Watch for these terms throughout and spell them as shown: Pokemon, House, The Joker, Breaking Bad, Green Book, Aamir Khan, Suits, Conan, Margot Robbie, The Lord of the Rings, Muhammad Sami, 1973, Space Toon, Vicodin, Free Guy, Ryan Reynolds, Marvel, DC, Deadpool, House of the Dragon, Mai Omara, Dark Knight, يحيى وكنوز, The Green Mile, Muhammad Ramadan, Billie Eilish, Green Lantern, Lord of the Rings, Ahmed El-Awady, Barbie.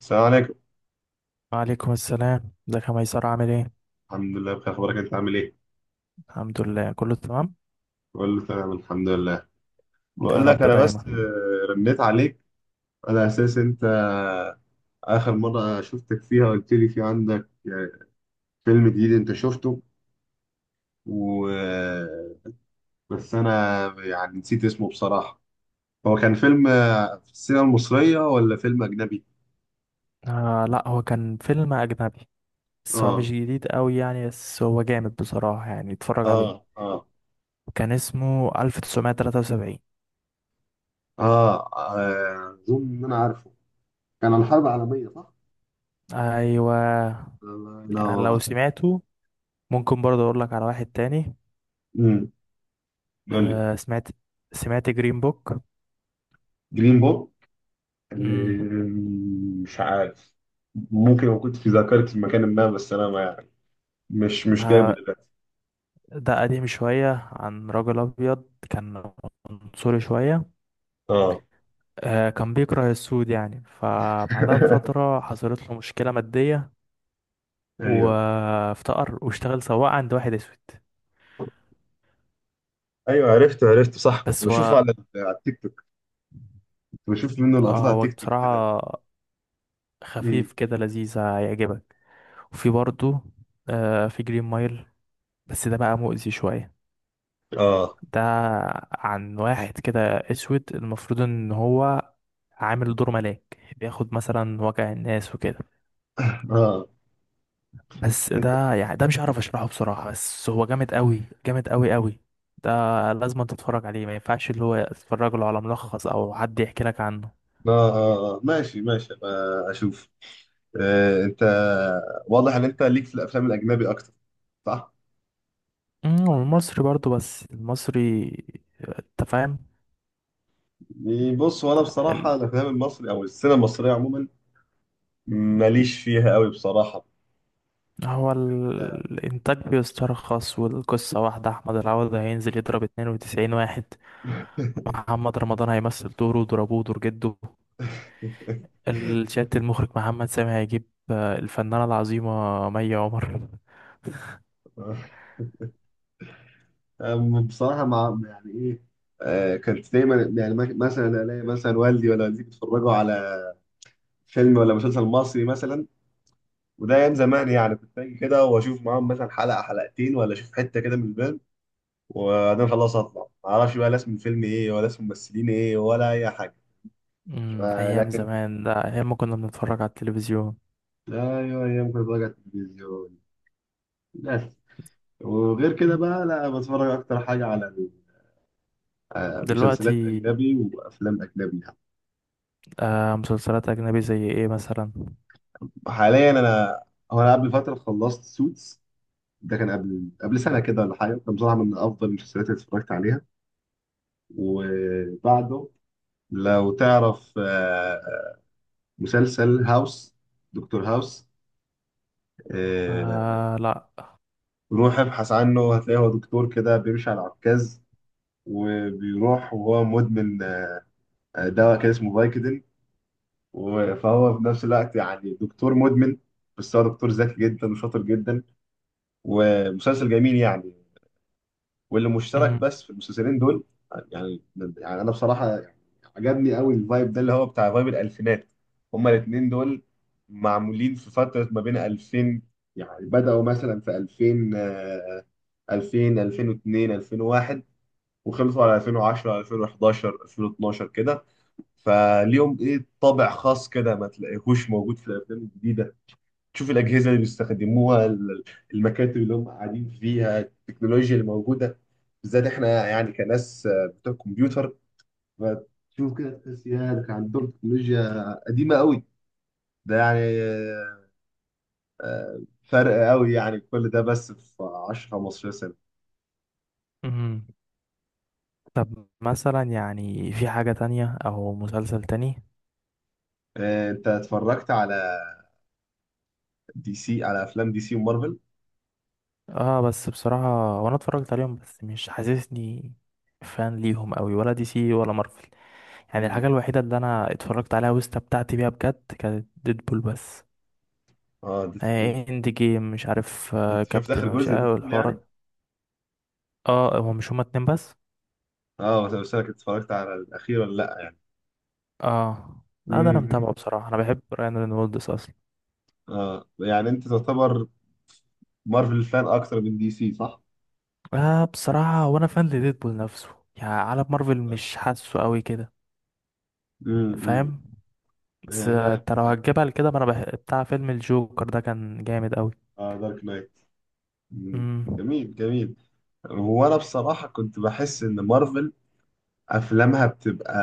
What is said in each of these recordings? السلام عليكم. وعليكم السلام. ده كان ميسر عامل ايه؟ الحمد لله، بخير. اخبارك؟ انت عامل ايه؟ الحمد لله كله تمام. بقول له تمام الحمد لله. يا بقول رب لك انا دايما. بس رنيت عليك على اساس انت اخر مره شفتك فيها قلت لي في عندك فيلم جديد انت شفته. و بس انا يعني نسيت اسمه بصراحه. هو كان فيلم في السينما المصريه ولا فيلم اجنبي؟ آه، لا هو كان فيلم اجنبي، بس هو اه مش جديد قوي يعني، بس هو جامد بصراحة يعني اتفرج عليه. اه. اه كان اسمه 1973. اه. اظن ان انا عارفه. كان عن الحرب العالميه، صح؟ ايوه، انا يعني لو أنا-. سمعته ممكن برضه اقول لك على واحد تاني. امم قول لي. آه سمعت جرين بوك. جرين بوك؟ امم، مش عارف. ممكن لو كنت في ذاكرتي مكان ما، بس انا ما يعني مش جايبه دلوقتي. ده قديم شوية عن رجل أبيض، كان عنصري شوية. اه. كان بيكره السود يعني، فبعدها بفترة حصلت له مشكلة مادية ايوه، وافتقر واشتغل سواق عند واحد أسود. ايوه، عرفته عرفته، صح. كنت بس بشوفه هو على التيك توك. كنت بشوف منه لقطات على هو التيك توك كده. بصراحة مم. خفيف كده لذيذ هيعجبك. وفي برضه في جرين مايل، بس ده بقى مؤذي شوية. اه ده عن واحد كده أسود، المفروض إن هو عامل دور ملاك بياخد مثلا وجع الناس وكده. اه. بس ده يعني ده مش هعرف اشرحه بصراحة، بس هو جامد قوي جامد قوي قوي. ده لازم تتفرج عليه، ما ينفعش اللي هو تتفرج له على ملخص او حد يحكي لك عنه. اه. ماشي ماشي، أبقى اشوف. انت واضح ان انت ليك في الافلام الاجنبي اكتر، صح؟ أمم، والمصري برضو بس المصري انت فاهم. يعني بص، وانا ال... بصراحه الافلام المصري او السينما المصريه عموما ماليش فيها قوي بصراحه. هو أنا-. الانتاج بيسترخص والقصة واحدة، احمد العوضي هينزل يضرب 92 واحد، محمد رمضان هيمثل دوره ضربوه دور جده، الشات المخرج محمد سامي هيجيب الفنانة العظيمة مي عمر. أم- بصراحة مع يعني إيه؟ كانت دايما، يعني مك- مثلا ألاقي مثلا والدي ولا والدتي بيتفرجوا على فيلم ولا مسلسل مصري مثلا. وده أيام زمان، يعني كنت أجي كده وأشوف معاهم مثلا حلقة حلقتين، ولا أشوف حتة كده من الفيلم، وبعدين خلاص أطلع، معرفش بقى لا اسم الفيلم إيه ولا اسم الممثلين إيه ولا أي حاجة. امم، ايام لكن زمان ده ايام ما كنا بنتفرج على التلفزيون. أيوه، أيام كنت بتفرج على التلفزيون بس. وغير كده مم. بقى لا، بتفرج أكتر حاجة على دلوقتي. مسلسلات أجنبي وأفلام أجنبي يعني. آه مسلسلات اجنبي زي ايه مثلا؟ حاليا انا، هو انا قبل فتره خلصت سوتس. ده كان قبل سنه كده ولا حاجه، كان بصراحه من افضل المسلسلات اللي اتفرجت عليها. وبعده، لو تعرف مسلسل هاوس، دكتور هاوس. آه، آه لا. روح ابحث عنه، هتلاقيه هو دكتور كده بيمشي على عكاز، وبيروح وهو مدمن دواء كده اسمه فايكودين. و- فهو في نفس الوقت يعني دكتور مدمن، بس هو دكتور ذكي جدا وشاطر جدا، ومسلسل جميل يعني. واللي مشترك امم. بس في المسلسلين دول، يعني انا بصراحه عجبني قوي الفايب ده، اللي هو بتاع فايب الالفينات. هما الاثنين دول معمولين في فتره ما بين 2000، يعني بداوا مثلا في 2000، 2000، 2002، 2001، وخلصوا على 2010، 2011، 2012 كده. فليهم ايه طابع خاص كده ما تلاقيهوش موجود في الافلام الجديده. تشوف الأجهزة اللي بيستخدموها، ال-، المكاتب اللي هم قاعدين فيها، التكنولوجيا اللي موجودة، بالذات احنا يعني كناس بتوع كمبيوتر، فتشوف كده تحس يا ده كان عندهم تكنولوجيا قديمة قوي. ده يعني آه، فرق قوي يعني. كل ده بس في 10 15 سنة. امم. طب مثلا يعني في حاجة تانية او مسلسل تاني؟ انت اتفرجت على دي سي، على افلام دي سي ومارفل؟ اه بس بصراحة وانا اتفرجت عليهم، بس مش حاسسني فان ليهم قوي، ولا دي سي ولا مارفل. يعني مم. الحاجة الوحيدة اللي انا اتفرجت عليها واستمتعت بيها بجد كانت ديدبول بس. اه، ديدبول. آه اند جيم مش عارف، آه انت شفت كابتن اخر وش، جزء آه ديدبول يعني؟ والحوارات. اه هو مش هما اتنين بس؟ اه، بس انا كنت اتفرجت على الاخير ولا لا؟ اه لا، ده انا امم. متابعه بصراحة، انا بحب رايان رينولدز اصلا. اه، يعني انت تعتبر مارفل فان اكتر من دي سي، صح؟ اه بصراحة وانا فان لديدبول نفسه، يعني عالم مارفل مش حاسه قوي كده امم. مم. فاهم. بس فاهم. انت لو هتجيبها لكده ما انا بتاع فيلم الجوكر، ده كان جامد قوي. اه، دارك نايت. مم. امم، جميل جميل. هو انا بصراحة كنت بحس ان مارفل افلامها بتبقى.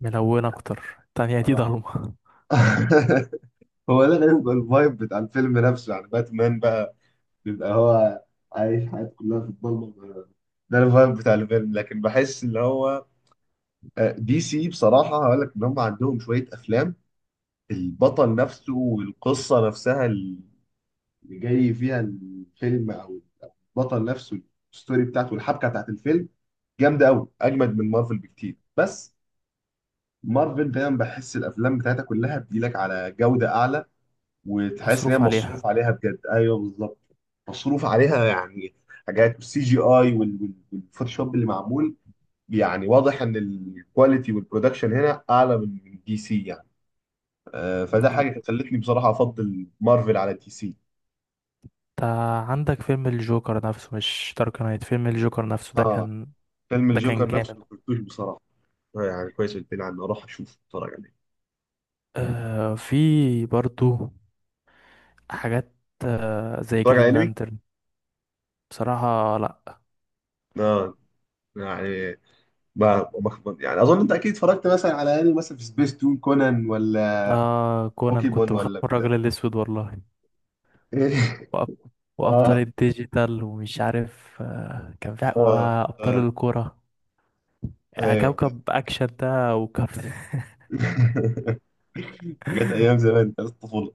ملون اكتر، التانية دي آه. ضلمة. هو ده غير بيبقى الفايب بتاع الفيلم نفسه. يعني باتمان بقى بيبقى هو عايش حياته كلها في الضلمة، ده الفايب بتاع الفيلم. لكن بحس ان هو دي سي بصراحة هقول لك ان هم عندهم شوية افلام، البطل نفسه والقصة نفسها اللي جاي فيها الفيلم، او البطل نفسه، الستوري بتاعته والحبكه بتاعت الفيلم جامده قوي، اجمد من مارفل بكتير. بس مارفل دايما بحس الافلام بتاعتها كلها بتجيلك على جوده اعلى، وتحس ان هي مصروف مصروف عليها. عليها بجد، ايوه بالظبط. مصروف عليها، يعني حاجات السي جي اي والفوتوشوب اللي معمول. يعني واضح ان الكواليتي والبرودكشن هنا اعلى من دي سي يعني. فده انت حاجه خلتني بصراحه افضل مارفل على دي سي. عندك فيلم الجوكر نفسه، مش دارك نايت، فيلم الجوكر نفسه ده اه. كان، فيلم ده كان الجوكر نفسه جامد. ما كنتوش بصراحه. يعني كويس قلت لي عنه، اروح اشوف اتفرج عليه. آه في برضو حاجات، زي اتفرج على جرين انمي. لانترن. بصراحة لا. اه، يعني ما يعني اظن انت اكيد اتفرجت مثلا على انمي، مثلا في سبيس تون، كونان اه. ولا آه كونان، بوكيمون كنت بخاف ولا من بتاع. الراجل الأسود والله. وأب... وأبطال اه الديجيتال ومش عارف، آه كان في اه. وأبطال اه. الكورة. آه ايوه. كوكب أكشن ده وكارت. جت ايام زمان بتاعت الطفوله.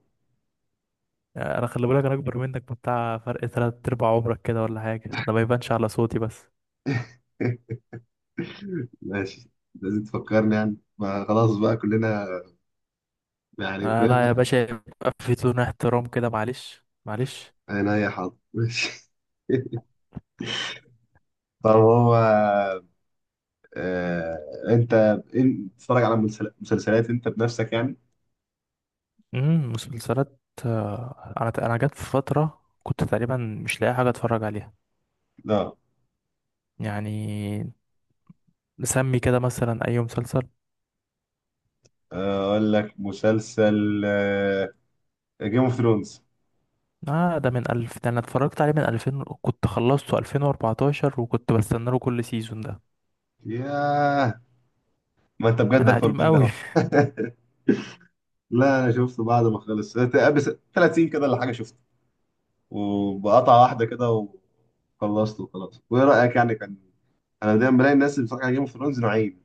آه أنا خلي بالك، أنا أكبر منك بتاع، فرق تلات أرباع عمرك كده ولا حاجة، ده ما يبانش على صوتي بس. ماشي. لازم تفكرني، يعني ما خلاص بقى كلنا يعني آه كلنا في لا يا مركب باشا، واحد. يبقى في تون احترام كده، معلش معلش. انا يا حاضر ماشي. طب هو آه انت إيه- بتتفرج على مسل- مسلسلات انت بنفسك يعني؟ مسلسلات. آه أنا جت في فترة كنت تقريبا مش لاقي حاجة أتفرج عليها. لا. يعني نسمي كده مثلا أي مسلسل. اقول لك مسلسل جيم اوف ثرونز. آه ده من ألف، ده أنا اتفرجت عليه من 2000، كنت خلصته 2014، وكنت بستنى له كل سيزون ده. ياه، ما انت بجد أنا اكبر قديم مني أوي. اهو. لا انا شفته بعد ما خلص بس 30 كده ولا حاجه، شفته وبقطعه واحده كده، وخلصته وخلاص. وايه رايك يعني، كان؟ انا دايما بلاقي الناس اللي بتتفرج على جيم اوف ثرونز نوعين.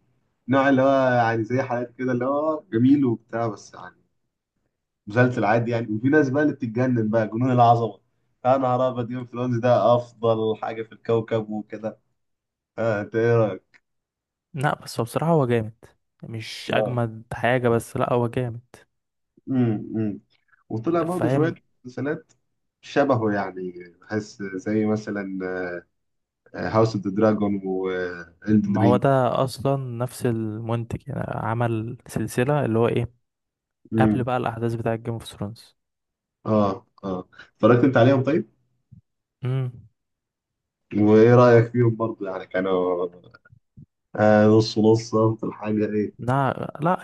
نوع اللي هو يعني زي حالات كده، اللي هو جميل وبتاع بس، يعني مسلسل عادي يعني. وفي ناس بقى اللي بتتجنن بقى جنون العظمه، يا نهار ابيض جيم اوف ثرونز ده افضل حاجه في الكوكب وكده. انت ايه رايك؟ لأ بس هو بصراحة هو جامد، مش لا. أجمد حاجة، بس لأ هو جامد امم. وطلع برضه شوية فاهم. مسلسلات شبهه يعني، بحس زي مثلا هاوس اوف ذا دراجون ما وإلدن هو رينج. ده أصلا نفس المنتج، يعني عمل سلسلة اللي هو إيه قبل امم. بقى الأحداث بتاعة جيم اوف ثرونز. اه اه. اتفرجت انت عليهم طيب؟ امم. وايه رأيك فيهم برضه، يعني كانوا نص نص في الحاجة ايه؟ لا لا،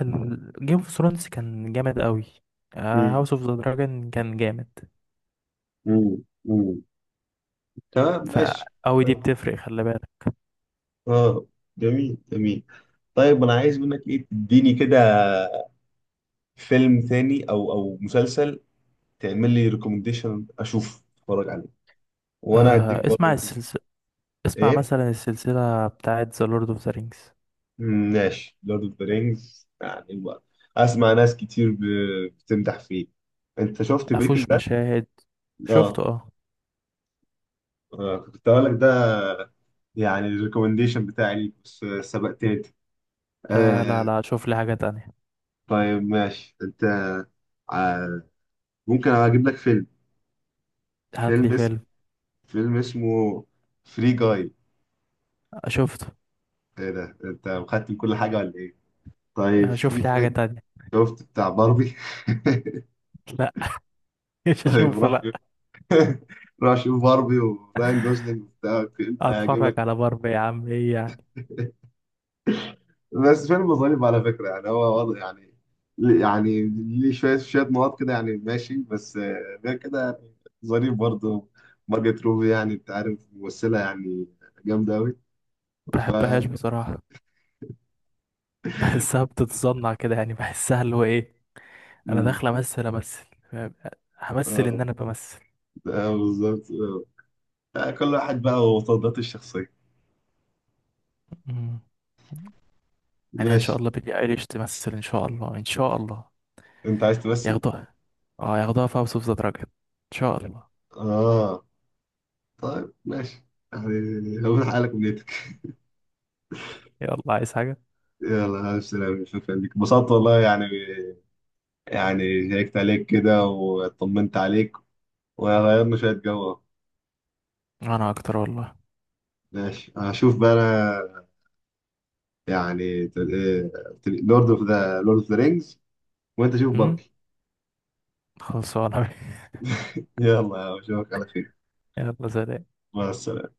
جيم اوف ثرونز كان جامد أوي، امم. هاوس اوف ذا دراجون كان جامد. امم. امم. تمام ف ماشي. أوي دي طيب. بتفرق خلي بالك. اه. جميل جميل. طيب انا عايز منك ايه، تديني كده فيلم ثاني او مسلسل، تعمل لي ريكومنديشن اشوف اتفرج عليه، وانا هديك آه برضه اسمع رقم-. السلسلة، اسمع ايه. مثلا السلسلة بتاعت The Lord of the Rings. مم، ماشي، لورد اوف ذا رينجز يعني بقى. اسمع ناس كتير ب- بتمدح فيه. انت شفت مفهوش بريكنج باد؟ مشاهد، اه. شفته اه. كنت هقول لك ده، يعني الريكومنديشن بتاعي ليك، بس سبقتني انت. لا آه. لا، شوف لي حاجة تانية. طيب ماشي. انت آه ممكن اجيب لك فيلم، هات لي فيلم اسم، فيلم. فيلم اسمه فري جاي. آه شفته. ايه ده انت مختم كل حاجه ولا ايه؟ طيب آه، في شوف لي حاجة فيلم، تانية. شفت بتاع باربي؟ لا. مش طيب هشوفه روح. لا. راح اشوف باربي وراين جوزلينج وبتاع. هجيب اتفرج لك على باربي يا عم ايه يعني. بس فيلم ظريف على فكره، يعني هو وضع يعني، يعني ليه شويه شويه نقط كده يعني ماشي، بس غير كده يعني ظريف برضه. مارجت روبي، يعني انت عارف ممثله يعني جامده قوي. ف بحبهاش بصراحة، بحسها بتتصنع كده، يعني بحسها اللي هو ايه، انا مم. داخل امثل امثل فاهم؟ همثل ان اه. انا بمثل. بالظبط. آه. كل واحد بقى وتفضيلاته الشخصيه. مم. يعني ان شاء ماشي. الله بيلي ايليش تمثل، ان شاء الله ان شاء الله انت عايز تمثل؟ ياخدوها. اه ياخدوها في هاوس اوف ذا دراجون ان شاء الله. اه. طيب ماشي. يعني هو حالك ونيتك. يلا عايز حاجة. يلا ألف سلامة، شكرا لك، انبسطت والله يعني، يعني شيكت عليك كده وطمنت عليك وغيرنا شوية جو. انا اكتر والله. ماشي هشوف بقى أنا، يعني لورد اوف ذا رينجز، وأنت شوف امم، باربي. خلصانه. يلا أشوفك على خير. يلا سلام. مع السلامة.